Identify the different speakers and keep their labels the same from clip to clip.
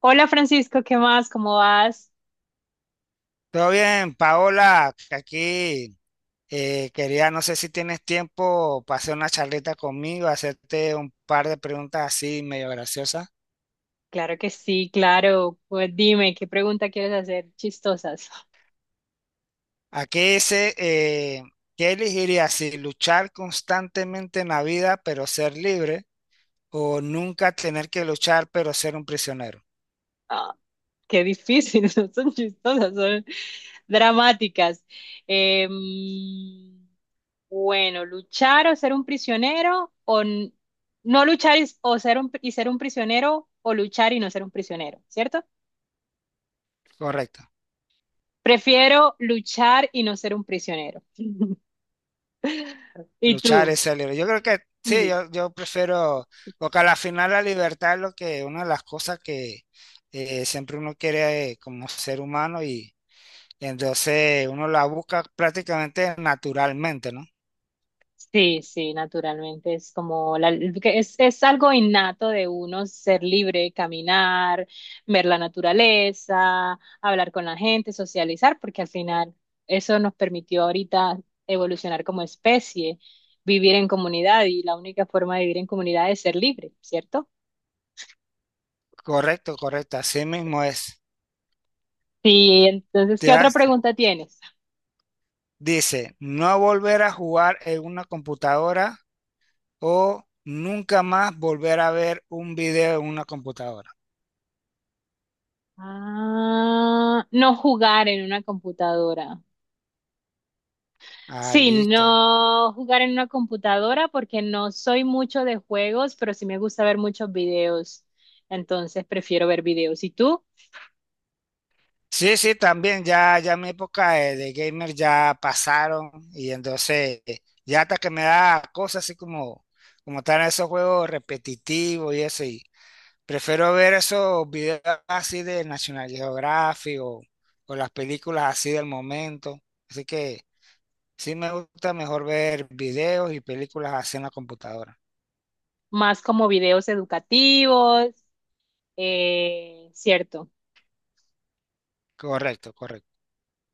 Speaker 1: Hola Francisco, ¿qué más? ¿Cómo vas?
Speaker 2: Todo bien, Paola, que aquí quería, no sé si tienes tiempo para hacer una charlita conmigo, hacerte un par de preguntas así medio graciosas.
Speaker 1: Claro que sí, claro. Pues dime, ¿qué pregunta quieres hacer? Chistosas.
Speaker 2: Aquí dice, ¿qué elegirías si luchar constantemente en la vida pero ser libre o nunca tener que luchar pero ser un prisionero?
Speaker 1: Ah, qué difícil, no son chistosas, son dramáticas. Em, bueno, luchar o ser un prisionero o no luchar y, o ser un, y ser un prisionero o luchar y no ser un prisionero, ¿cierto?
Speaker 2: Correcto,
Speaker 1: Prefiero luchar y no ser un prisionero. ¿Y
Speaker 2: luchar
Speaker 1: tú?
Speaker 2: es ser libre. Yo creo que sí,
Speaker 1: Sí.
Speaker 2: yo prefiero, porque a la final la libertad es lo que, una de las cosas que siempre uno quiere como ser humano y entonces uno la busca prácticamente naturalmente, ¿no?
Speaker 1: Sí, sí, naturalmente es como la, que es algo innato de uno ser libre, caminar, ver la naturaleza, hablar con la gente, socializar, porque al final eso nos permitió ahorita evolucionar como especie, vivir en comunidad y la única forma de vivir en comunidad es ser libre, ¿cierto?
Speaker 2: Correcto, correcto, así mismo es.
Speaker 1: Sí, entonces,
Speaker 2: Te
Speaker 1: ¿qué otra
Speaker 2: vas-
Speaker 1: pregunta tienes?
Speaker 2: dice, no volver a jugar en una computadora o nunca más volver a ver un video en una computadora.
Speaker 1: Ah, no jugar en una computadora.
Speaker 2: Ah,
Speaker 1: Sí,
Speaker 2: listo.
Speaker 1: no jugar en una computadora porque no soy mucho de juegos, pero sí me gusta ver muchos videos. Entonces prefiero ver videos. ¿Y tú?
Speaker 2: Sí, sí, también ya, ya mi época de gamer ya pasaron y entonces ya hasta que me da cosas así como están esos juegos repetitivos y eso. Prefiero ver esos videos así de National Geographic o las películas así del momento. Así que sí me gusta mejor ver videos y películas así en la computadora.
Speaker 1: Más como videos educativos, cierto.
Speaker 2: Correcto, correcto.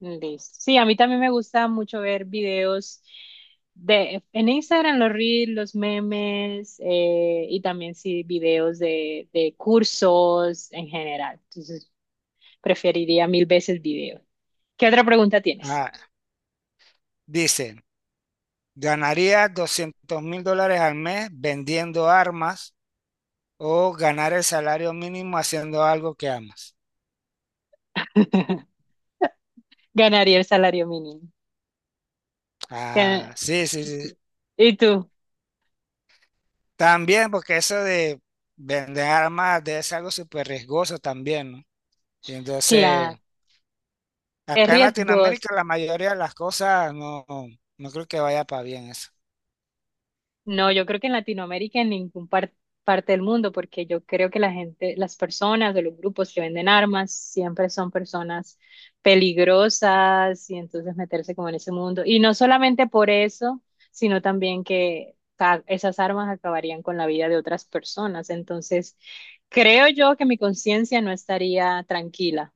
Speaker 1: Listo. Sí, a mí también me gusta mucho ver videos de en Instagram, los reels, los memes y también sí videos de cursos en general. Entonces preferiría mil veces videos. ¿Qué otra pregunta tienes?
Speaker 2: Ah, dice, ¿ganaría $200.000 al mes vendiendo armas o ganar el salario mínimo haciendo algo que amas?
Speaker 1: Ganaría el salario mínimo. Gana-
Speaker 2: Ah, sí, sí, sí.
Speaker 1: sí. ¿Y tú?
Speaker 2: También porque eso de vender armas de es algo súper riesgoso también, ¿no? Y entonces...
Speaker 1: Claro. Es
Speaker 2: Acá en
Speaker 1: riesgoso.
Speaker 2: Latinoamérica la mayoría de las cosas no, no creo que vaya para bien eso.
Speaker 1: No, yo creo que en Latinoamérica, en ningún parte del mundo, porque yo creo que la gente, las personas de los grupos que venden armas siempre son personas peligrosas y entonces meterse como en ese mundo. Y no solamente por eso, sino también que esas armas acabarían con la vida de otras personas. Entonces, creo yo que mi conciencia no estaría tranquila.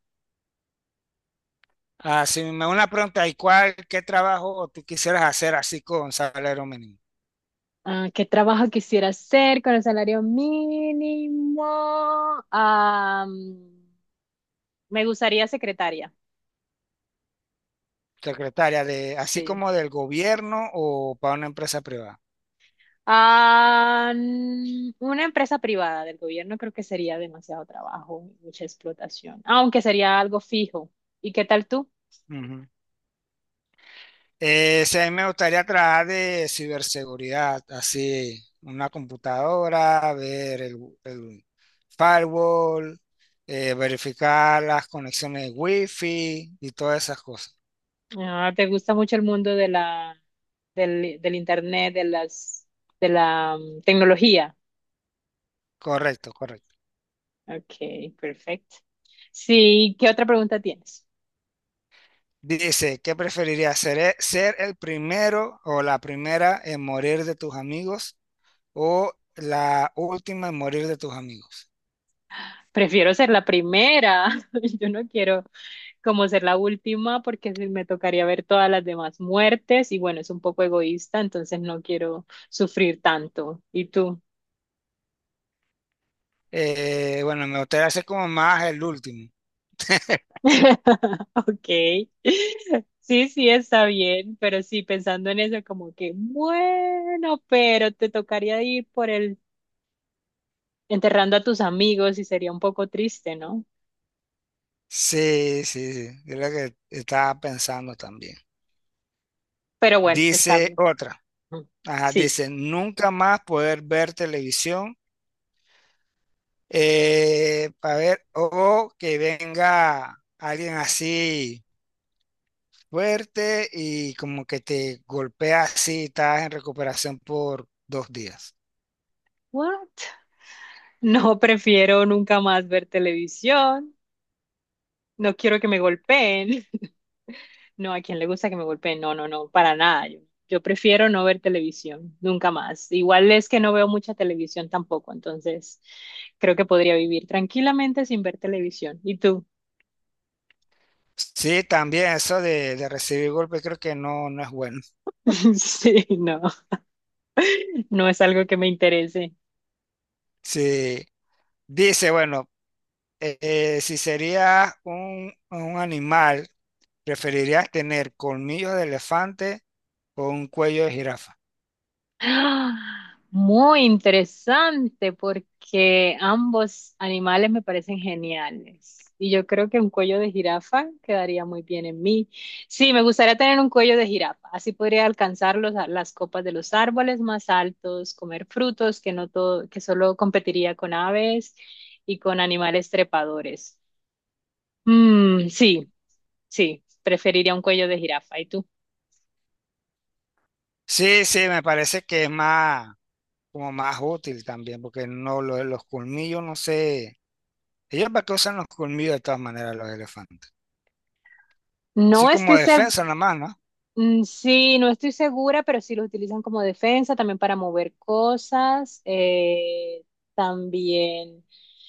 Speaker 2: Ah, si me una pregunta, ¿y cuál, qué trabajo tú quisieras hacer así con salario mínimo?
Speaker 1: Ah, ¿qué trabajo quisiera hacer con el salario mínimo? Ah, me gustaría secretaria,
Speaker 2: Secretaria, así
Speaker 1: sí.
Speaker 2: como del gobierno o para una empresa privada.
Speaker 1: Ah, una empresa privada del gobierno creo que sería demasiado trabajo, mucha explotación, aunque sería algo fijo. ¿Y qué tal tú?
Speaker 2: Ujú. Sí, a mí me gustaría trabajar de ciberseguridad, así, una computadora, ver el firewall, verificar las conexiones de wifi y todas esas cosas.
Speaker 1: Ah, ¿te gusta mucho el mundo de la, del internet, de las, de la tecnología?
Speaker 2: Correcto, correcto.
Speaker 1: Ok, perfecto. Sí, ¿qué otra pregunta tienes?
Speaker 2: Dice, ¿qué preferirías? ¿Ser el primero o la primera en morir de tus amigos o la última en morir de tus amigos?
Speaker 1: Prefiero ser la primera. Yo no quiero como ser la última porque me tocaría ver todas las demás muertes y bueno, es un poco egoísta, entonces no quiero sufrir tanto. ¿Y tú?
Speaker 2: Bueno, me gustaría ser como más el último.
Speaker 1: Ok. Sí, sí, está bien, pero sí, pensando en eso, como que, bueno, pero te tocaría ir por el enterrando a tus amigos y sería un poco triste, ¿no?
Speaker 2: Sí, sí, sí, es lo que estaba pensando también.
Speaker 1: Pero bueno, está
Speaker 2: Dice
Speaker 1: bien.
Speaker 2: otra,
Speaker 1: Mm.
Speaker 2: ajá,
Speaker 1: Sí.
Speaker 2: dice, nunca más poder ver televisión para ver o que venga alguien así fuerte y como que te golpea así, estás en recuperación por 2 días.
Speaker 1: What? No prefiero nunca más ver televisión. No quiero que me golpeen. No, ¿a quién le gusta que me golpeen? No, no, no, para nada. Yo prefiero no ver televisión, nunca más. Igual es que no veo mucha televisión tampoco, entonces creo que podría vivir tranquilamente sin ver televisión. ¿Y tú?
Speaker 2: Sí, también eso de recibir golpes creo que no, no es bueno.
Speaker 1: Sí, no, no es algo que me interese.
Speaker 2: Sí, dice, bueno, si sería un animal, ¿preferirías tener colmillos de elefante o un cuello de jirafa?
Speaker 1: ¡Ah! Muy interesante porque ambos animales me parecen geniales. Y yo creo que un cuello de jirafa quedaría muy bien en mí. Sí, me gustaría tener un cuello de jirafa. Así podría alcanzar las copas de los árboles más altos, comer frutos que no todo, que solo competiría con aves y con animales trepadores. Mm, sí, sí, preferiría un cuello de jirafa. ¿Y tú?
Speaker 2: Sí, sí, me parece que es más, como más útil también, porque no, lo de los colmillos, no sé, ellos para qué usan los colmillos de todas maneras los elefantes. Sí,
Speaker 1: No
Speaker 2: como
Speaker 1: estoy segura.
Speaker 2: defensa nada más, ¿no?
Speaker 1: Mm, sí, no estoy segura, pero sí los utilizan como defensa, también para mover cosas, también,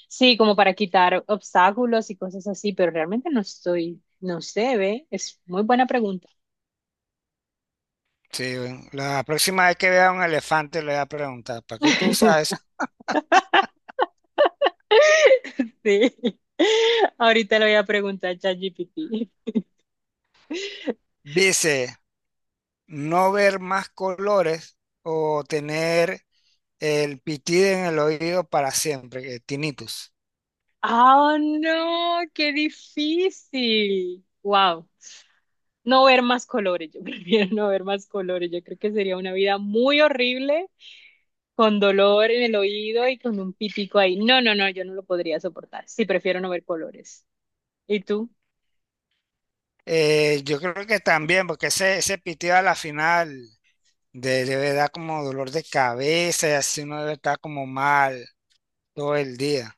Speaker 1: sí, como para quitar obstáculos y cosas así, pero realmente no estoy, no sé, ve, es muy buena pregunta.
Speaker 2: Sí, la próxima vez que vea un elefante le voy a preguntar, ¿para qué tú usas esa?
Speaker 1: Sí, ahorita le voy a preguntar a ChatGPT.
Speaker 2: Dice, no ver más colores o tener el pitido en el oído para siempre, que tinnitus.
Speaker 1: ¡Oh, no! ¡Qué difícil! ¡Wow! No ver más colores, yo prefiero no ver más colores, yo creo que sería una vida muy horrible con dolor en el oído y con un pitico ahí. No, no, no, yo no lo podría soportar. Sí, prefiero no ver colores. ¿Y tú?
Speaker 2: Yo creo que también, porque ese pitido a la final debe dar como dolor de cabeza y así uno debe estar como mal todo el día.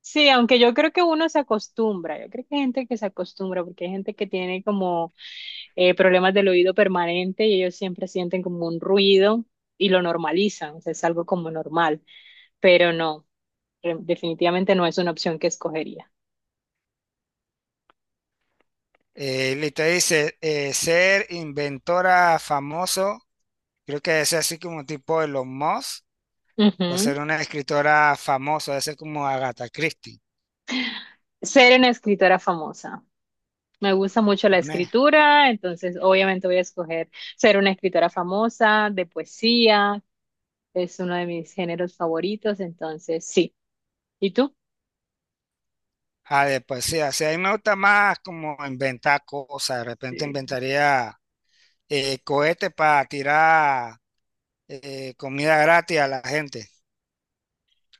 Speaker 1: Sí, aunque yo creo que uno se acostumbra, yo creo que hay gente que se acostumbra, porque hay gente que tiene como problemas del oído permanente y ellos siempre sienten como un ruido y lo normalizan, o sea, es algo como normal, pero no, definitivamente no es una opción que escogería.
Speaker 2: Listo, dice, ser inventora famoso. Creo que debe ser así como tipo Elon Musk, o
Speaker 1: Ujú.
Speaker 2: ser una escritora famosa, debe ser como Agatha Christie,
Speaker 1: Ser una escritora famosa. Me gusta mucho la
Speaker 2: una
Speaker 1: escritura, entonces obviamente voy a escoger ser una escritora famosa de poesía, es uno de mis géneros favoritos, entonces sí. ¿Y tú?
Speaker 2: de poesía. Sí, a mí me gusta más como inventar cosas, de repente
Speaker 1: Sí.
Speaker 2: inventaría cohetes para tirar comida gratis a la gente.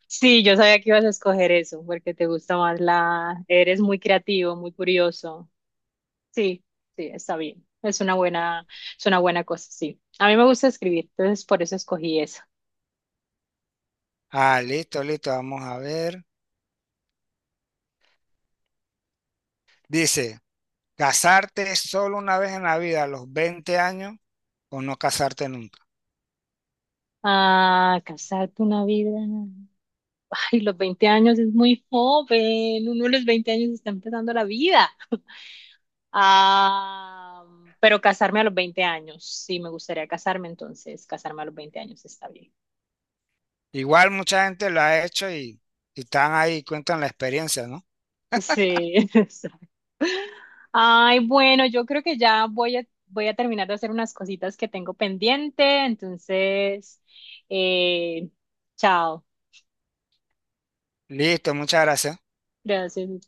Speaker 1: Sí, yo sabía que ibas a escoger eso, porque te gusta más la... Eres muy creativo, muy curioso. Sí, sí, está bien. Es una buena cosa, sí. A mí me gusta escribir, entonces por eso escogí eso.
Speaker 2: Ah, listo, listo, vamos a ver. Dice, ¿casarte solo una vez en la vida a los 20 años o no casarte nunca?
Speaker 1: Ah, casarte una vida. Ay, los 20 años es muy joven. Uno de los 20 años está empezando la vida. Ah, pero casarme a los 20 años, sí, me gustaría casarme, entonces casarme a los 20 años está bien.
Speaker 2: Igual mucha gente lo ha hecho y están ahí, cuentan la experiencia, ¿no?
Speaker 1: Sí. Exacto. Ay, bueno, yo creo que ya voy a, voy a terminar de hacer unas cositas que tengo pendiente, entonces, eh, chao.
Speaker 2: Listo, muchas gracias.
Speaker 1: Gracias.